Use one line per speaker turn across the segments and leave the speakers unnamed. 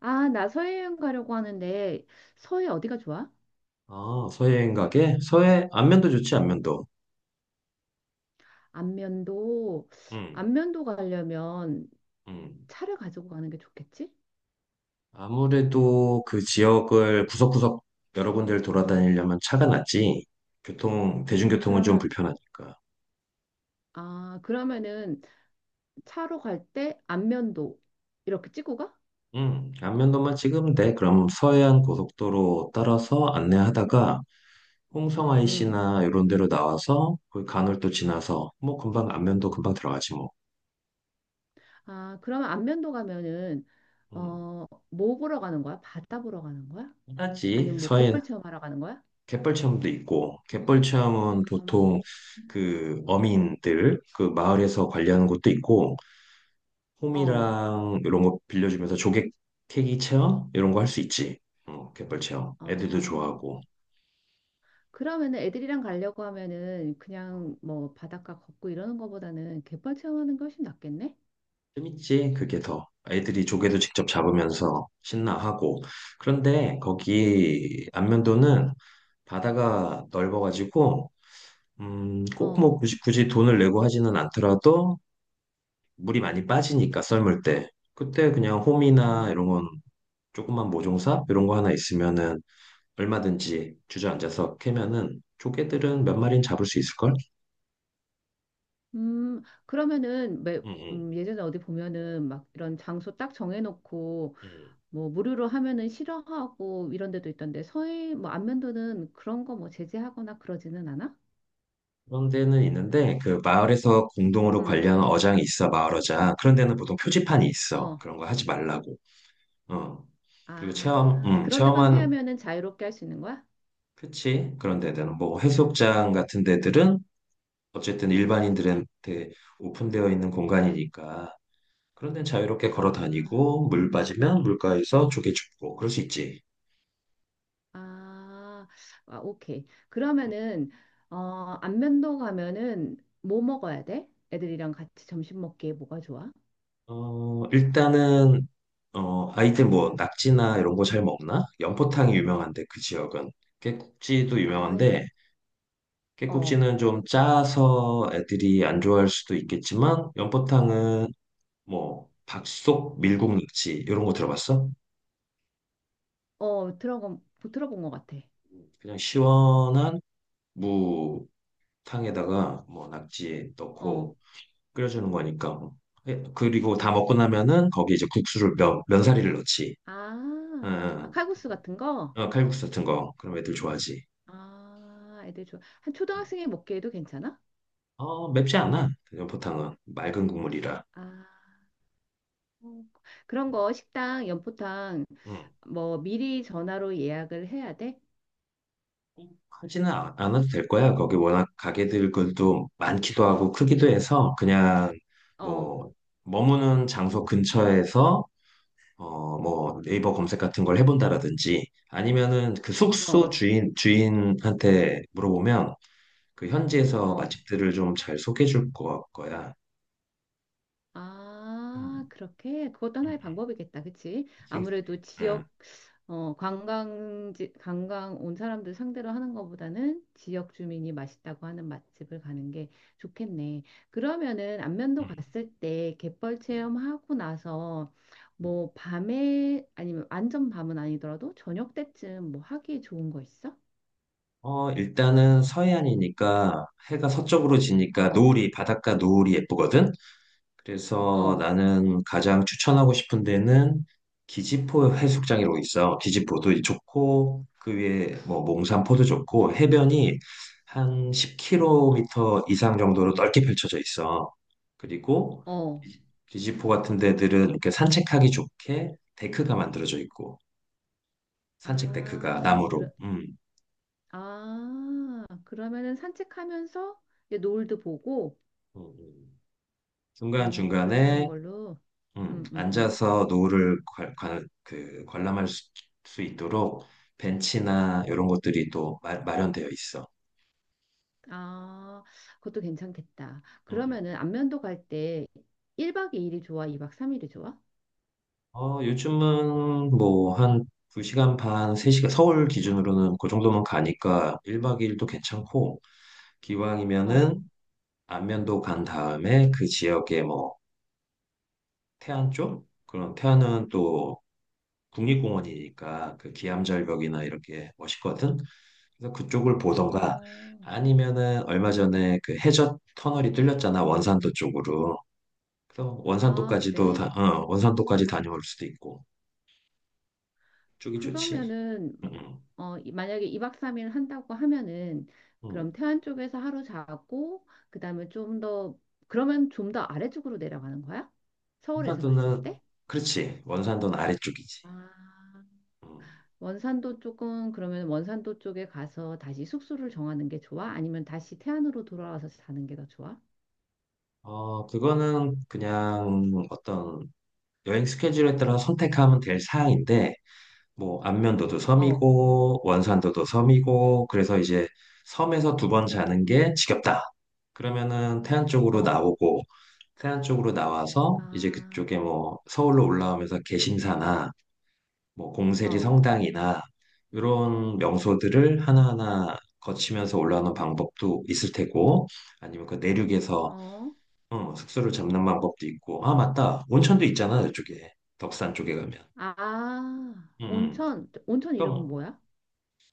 아, 나 서해여행 가려고 하는데 서해 어디가 좋아?
아, 서해행 가게? 서해, 안면도 좋지, 안면도.
안면도.
음,
안면도 가려면
음,
차를 가지고 가는 게 좋겠지?
아무래도 그 지역을 구석구석 여러 군데를 돌아다니려면 차가 낫지, 교통, 대중교통은 좀
그러면
불편하니까.
그러면은 차로 갈 때 안면도 이렇게 찍고 가?
안면도만 찍으면 돼. 그럼 서해안 고속도로 따라서 안내하다가 홍성
음.
IC나 이런 데로 나와서 그 간을 도 지나서 뭐 금방 안면도 금방 들어가지 뭐.
아, 그러면 안면도 가면은
음,
뭐 보러 가는 거야? 바다 보러 가는 거야?
편하지.
아니면 뭐
서해
갯벌 체험하러 가는 거야?
갯벌 체험도 있고 갯벌 체험은 보통
음.
그 어민들 그 마을에서 관리하는 것도 있고
어.
홈이랑 이런 거 빌려주면서 조개 캐기 체험 이런 거 할 수 있지. 어, 갯벌 체험
어.
애들도 좋아하고
그러면은 애들이랑 가려고 하면은 그냥 뭐 바닷가 걷고 이러는 거보다는 갯벌 체험하는 게 훨씬 낫겠네?
재밌지. 그게 더 애들이 조개도 직접 잡으면서 신나하고. 그런데 거기 안면도는 바다가 넓어가지고 꼭 뭐
어,
굳이, 굳이 돈을 내고 하지는 않더라도 물이 많이 빠지니까 썰물 때 그때 그냥 홈이나
어.
이런 건 조그만 모종사 이런 거 하나 있으면은 얼마든지 주저앉아서 캐면은 조개들은 몇 마리는 잡을 수 있을걸?
음, 그러면은 매,
응응.
예전에 어디 보면은 막 이런 장소 딱 정해놓고 뭐 무료로 하면은 싫어하고 이런 데도 있던데 서해 뭐 안면도는 그런 거 뭐 제재하거나 그러지는 않아?
그런 데는 있는데 그 마을에서 공동으로
음,
관리하는 어장이 있어. 마을 어장 그런 데는 보통 표지판이 있어,
어.
그런 거 하지 말라고. 어. 그리고 체험
아, 그런 데만
체험한
피하면은 자유롭게 할 수 있는 거야?
그치, 그런 데들은 뭐 해수욕장 같은 데들은 어쨌든 일반인들한테 오픈되어 있는 공간이니까 그런 데는 자유롭게 걸어
아.
다니고 물 빠지면 물가에서 조개 줍고 그럴 수 있지.
아, 아, 오케이. 그러면은 어, 안면도 가면은 뭐 먹어야 돼? 애들이랑 같이 점심 먹기에 뭐가 좋아?
어, 일단은 어, 아이들 뭐 낙지나 이런 거 잘 먹나? 연포탕이 유명한데 그 지역은. 깨국지도
아,
유명한데,
어,
깨국지는 좀 짜서 애들이 안 좋아할 수도 있겠지만, 연포탕은 뭐 박속 밀국 낙지 이런 거 들어봤어?
어, 들어본, 들어본 것 같아.
그냥 시원한 무탕에다가 뭐 낙지
어,
넣고 끓여주는 거니까. 예, 그리고 다 먹고 나면은 거기 이제 국수를 면사리를 넣지.
아, 아,
응,
칼국수 같은 거?
응. 어, 칼국수 같은 거. 그럼 애들 좋아하지.
아, 애들 좋아. 한
응.
초등학생이 먹기에도 괜찮아?
어, 맵지 않아. 그냥 보통은 맑은 국물이라.
아, 어. 그런 거 식당, 연포탕
응.
뭐 미리 전화로 예약을 해야 돼?
꼭 하지는 않아도 될 거야. 거기 워낙 가게들 것도 많기도 하고 크기도 해서 그냥
어,
뭐 머무는 장소 근처에서 어, 뭐 네이버 검색 같은 걸 해본다라든지, 아니면은 그 숙소
어,
주인한테 물어보면 그 현지에서
어,
맛집들을 좀 잘 소개해 줄 거야.
아,
음,
그렇게 그것도
음,
하나의
음.
방법이겠다. 그치?
그치, 그치.
아무래도
응,
지역 어, 관광지 관광 온 사람들 상대로 하는 것보다는 지역 주민이 맛있다고 하는 맛집을 가는 게 좋겠네. 그러면은 안면도
응,
갔을 때 갯벌
응,
체험하고 나서
응.
뭐 밤에 아니면 완전 밤은 아니더라도 저녁 때쯤 뭐 하기 좋은 거 있어?
어, 일단은 서해안이니까 해가 서쪽으로 지니까
어,
노을이, 바닷가 노을이 예쁘거든? 그래서
어,
나는 가장 추천하고 싶은 데는 기지포 해수욕장이라고 있어. 기지포도 좋고, 그 위에 뭐 몽산포도 좋고, 해변이 한 10km 이상 정도로 넓게 펼쳐져 있어. 그리고
어.
포 같은 데들은 이렇게 산책하기 좋게 데크가 만들어져 있고, 산책 데크가
아,
나무로.
그러, 아, 그러면은 산책하면서 이제 노을도 보고,
음, 음.
어, 그렇게 하는
중간중간에
걸로. 음, 음, 음.
앉아서 노을을 그 관람할 수 있도록 벤치나 이런 것들이 또 마련되어 있어.
아, 그것도 괜찮겠다.
음, 음.
그러면은 안면도 갈 때 1박 2일이 좋아? 2박 3일이 좋아?
어, 요즘은 뭐 한 2시간 반, 3시간, 서울 기준으로는 그 정도면 가니까 1박 2일도 괜찮고,
어,
기왕이면은 안면도 간 다음에 그 지역에 뭐 태안 쪽? 그럼 태안은 또 국립공원이니까 그 기암절벽이나 이렇게 멋있거든. 그래서 그쪽을 보던가,
어,
아니면은 얼마 전에 그 해저 터널이 뚫렸잖아, 원산도 쪽으로. 그래서
아, 그래.
원산도까지 다녀올 수도 있고 쪽이 좋지.
그러면은,
응,
만약에 2박 3일 한다고 하면은,
응,
그럼
응.
태안 쪽에서 하루 자고, 그 다음에 좀 더, 그러면 좀 더 아래쪽으로 내려가는 거야? 서울에서 봤을
원산도는
때?
그렇지. 원산도는 아래쪽이지.
아.
음.
원산도 쪽은 그러면 원산도 쪽에 가서 다시 숙소를 정하는 게 좋아? 아니면 다시 태안으로 돌아와서 사는 게 더 좋아?
어, 그거는 그냥 어떤 여행 스케줄에 따라 선택하면 될 사항인데, 뭐, 안면도도
어,
섬이고, 원산도도 섬이고, 그래서 이제 섬에서 두 번 자는 게 지겹다, 그러면은 태안 쪽으로
어,
나오고, 태안 쪽으로 나와서
아,
이제 그쪽에 뭐, 서울로 올라오면서 개심사나, 뭐, 공세리
어,
성당이나, 이런 명소들을 하나하나 거치면서 올라오는 방법도 있을 테고, 아니면 그 내륙에서
어,
어, 숙소를 잡는 방법도 있고. 아, 맞다. 온천도 있잖아, 이쪽에. 덕산 쪽에 가면.
아,
음, 음.
온천, 온천 이름은
그럼
뭐야?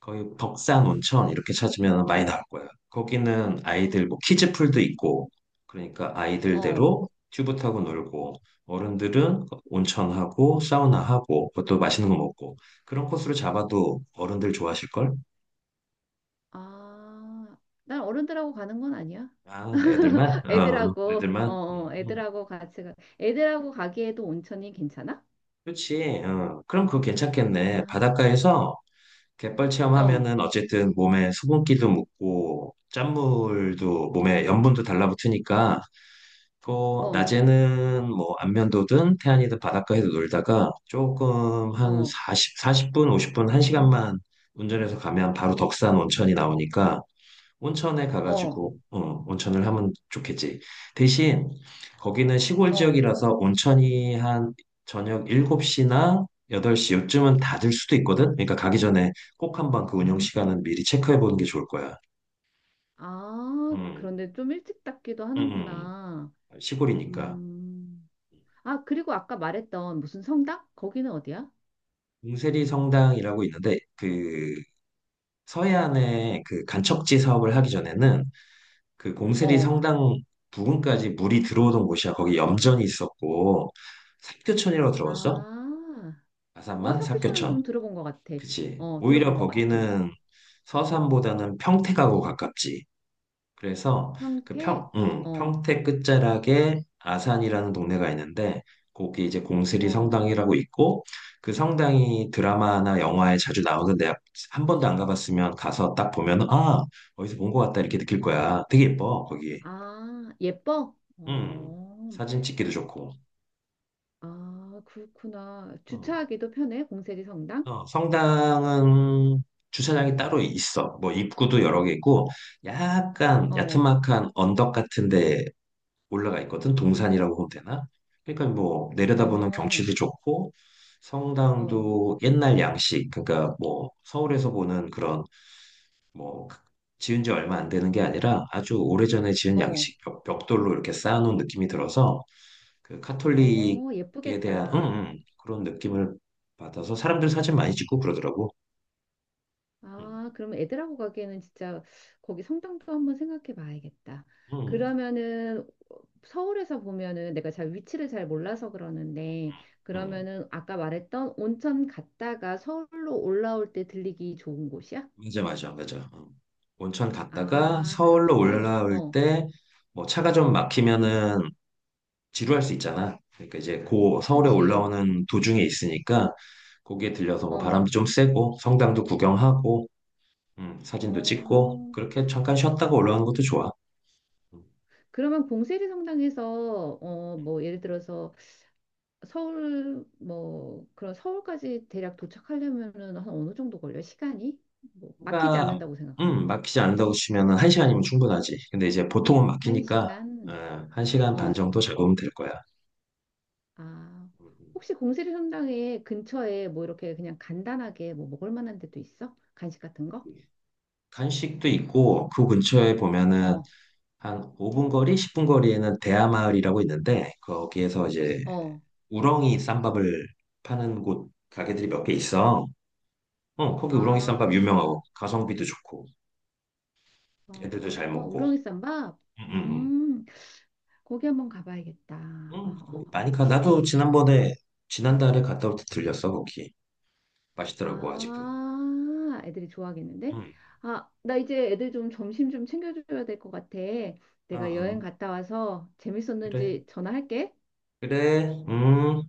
거의 덕산 온천 이렇게 찾으면 많이 나올 거야. 거기는 아이들 뭐 키즈풀도 있고, 그러니까
어,
아이들대로 튜브 타고 놀고, 어른들은 온천하고 사우나하고, 그것도 맛있는 거 먹고, 그런 코스로 잡아도 어른들 좋아하실걸?
아, 난 어른들하고 가는 건 아니야.
아, 애들만? 어, 애들만?
애들하고 같이 가. 애들하고 가기에도 온천이 괜찮아?
그렇지. 어. 그럼 그거 괜찮겠네.
아,
바닷가에서 갯벌
어,
체험하면은 어쨌든 몸에 수분기도 묻고, 짠물도 몸에 염분도 달라붙으니까. 또
어,
낮에는 뭐 안면도든 태안이든 바닷가에서 놀다가 조금 한
어,
40, 사십 분, 50분, 한 시간만 운전해서 가면 바로 덕산 온천이 나오니까 온천에
어,
가가지고 어, 온천을 하면 좋겠지. 대신 거기는 시골
어,
지역이라서 온천이 한 저녁 7시나 8시 요쯤은 닫을 수도 있거든. 그러니까 가기 전에 꼭 한번 그 운영 시간은 미리 체크해 보는 게 좋을 거야.
아,
음,
그런데 좀 일찍 닫기도
음,
하는구나.
시골이니까.
음. 아, 그리고 아까 말했던 무슨 성당? 거기는 어디야?
봉세리 성당이라고 있는데, 그 서해안에 그 간척지 사업을 하기 전에는 그 봉세리
어.
성당 부근까지 물이 들어오던 곳이야. 거기 염전이 있었고. 삽교천이라고 들어봤어?
아. 어,
아산만
삽교촌은
삽교천.
좀 들어본 것 같아.
그치.
어, 들어본
오히려
것 같아.
거기는 서산보다는 평택하고 가깝지. 그래서 그
평택.
평, 응,
어,
평택 끝자락에 아산이라는 동네가 있는데 거기 이제 공스리
어.
성당이라고 있고, 그 성당이 드라마나 영화에 자주 나오는데, 한 번도 안 가봤으면 가서 딱 보면 아, 어디서 본 것 같다 이렇게 느낄 거야. 되게 예뻐, 거기.
아, 예뻐?
음.
어.
사진 찍기도 좋고.
아, 그렇구나.
음.
주차하기도 편해, 공세리 성당?
어, 성당은 주차장이 따로 있어. 뭐 입구도 여러 개 있고, 약간
어,
야트막한 언덕 같은데 올라가 있거든. 동산이라고 보면 되나? 그러니까 뭐 내려다보는
어,
경치도 좋고,
어,
성당도 옛날 양식, 그러니까 뭐 서울에서 보는 그런 뭐 지은 지 얼마 안 되는 게 아니라 아주 오래전에 지은
어,
양식, 벽돌로 이렇게 쌓아놓은 느낌이 들어서 그
어,
카톨릭에 대한
예쁘겠다.
그런 느낌을 받아서 사람들 사진 많이 찍고 그러더라고. 음,
아, 그럼 애들하고 가기에는 진짜 거기 성당도 한번 생각해 봐야겠다.
음,
그러면은 서울에서 보면은 내가 잘 위치를 잘 몰라서 그러는데
음.
그러면은 아까 말했던 온천 갔다가 서울로 올라올 때 들리기 좋은 곳이야?
맞아, 맞아, 맞아. 음. 온천 갔다가
아,
서울로
그렇게?
올라올
어,
때 뭐 차가 좀 막히면은 지루할 수 있잖아. 그러니까 이제 고 서울에
그치.
올라오는 도중에 있으니까 거기에 들려서 뭐
어,
바람도 좀 쐬고 성당도 구경하고 사진도 찍고
어.
그렇게 잠깐 쉬었다가 올라오는 것도 좋아. 음,
그러면 봉세리 성당에서 어, 뭐 예를 들어서 서울 뭐 그런 서울까지 대략 도착하려면은 한 어느 정도 걸려요? 시간이? 뭐 막히지
그러니까
않는다고 생각하면
막히지 않는다고 치면은 한 시간이면 충분하지. 근데 이제 보통은
한
막히니까
시간?
어, 한 시간 반
어.
정도 잡으면 될 거야.
아,
음,
혹시 공세리 성당에 근처에 뭐 이렇게 그냥 간단하게 뭐 먹을 만한 데도 있어? 간식 같은 거?
음. 간식도 있고 그 근처에 보면은
어,
한 5분 거리, 10분 거리에는 대하마을이라고 있는데 거기에서 이제
어.
우렁이 쌈밥을 파는 곳 가게들이 몇 개 있어. 어, 거기 우렁이 쌈밥
아,
유명하고 가성비도 좋고 애들도 잘
아,
먹고.
우렁이 쌈밥?
응, 응,
음, 거기 한번
응.
가봐야겠다.
응,
어,
거기 많이
어,
가. 나도
어.
지난번에 지난달에 갔다 올 때 들렸어, 거기. 맛있더라고 아직도.
아, 애들이 좋아하겠는데?
응.
아, 나 이제 애들 좀 점심 좀 챙겨줘야 될 것 같아.
아,
내가 여행
어,
갔다 와서
그래.
재밌었는지 전화할게.
그래. 음.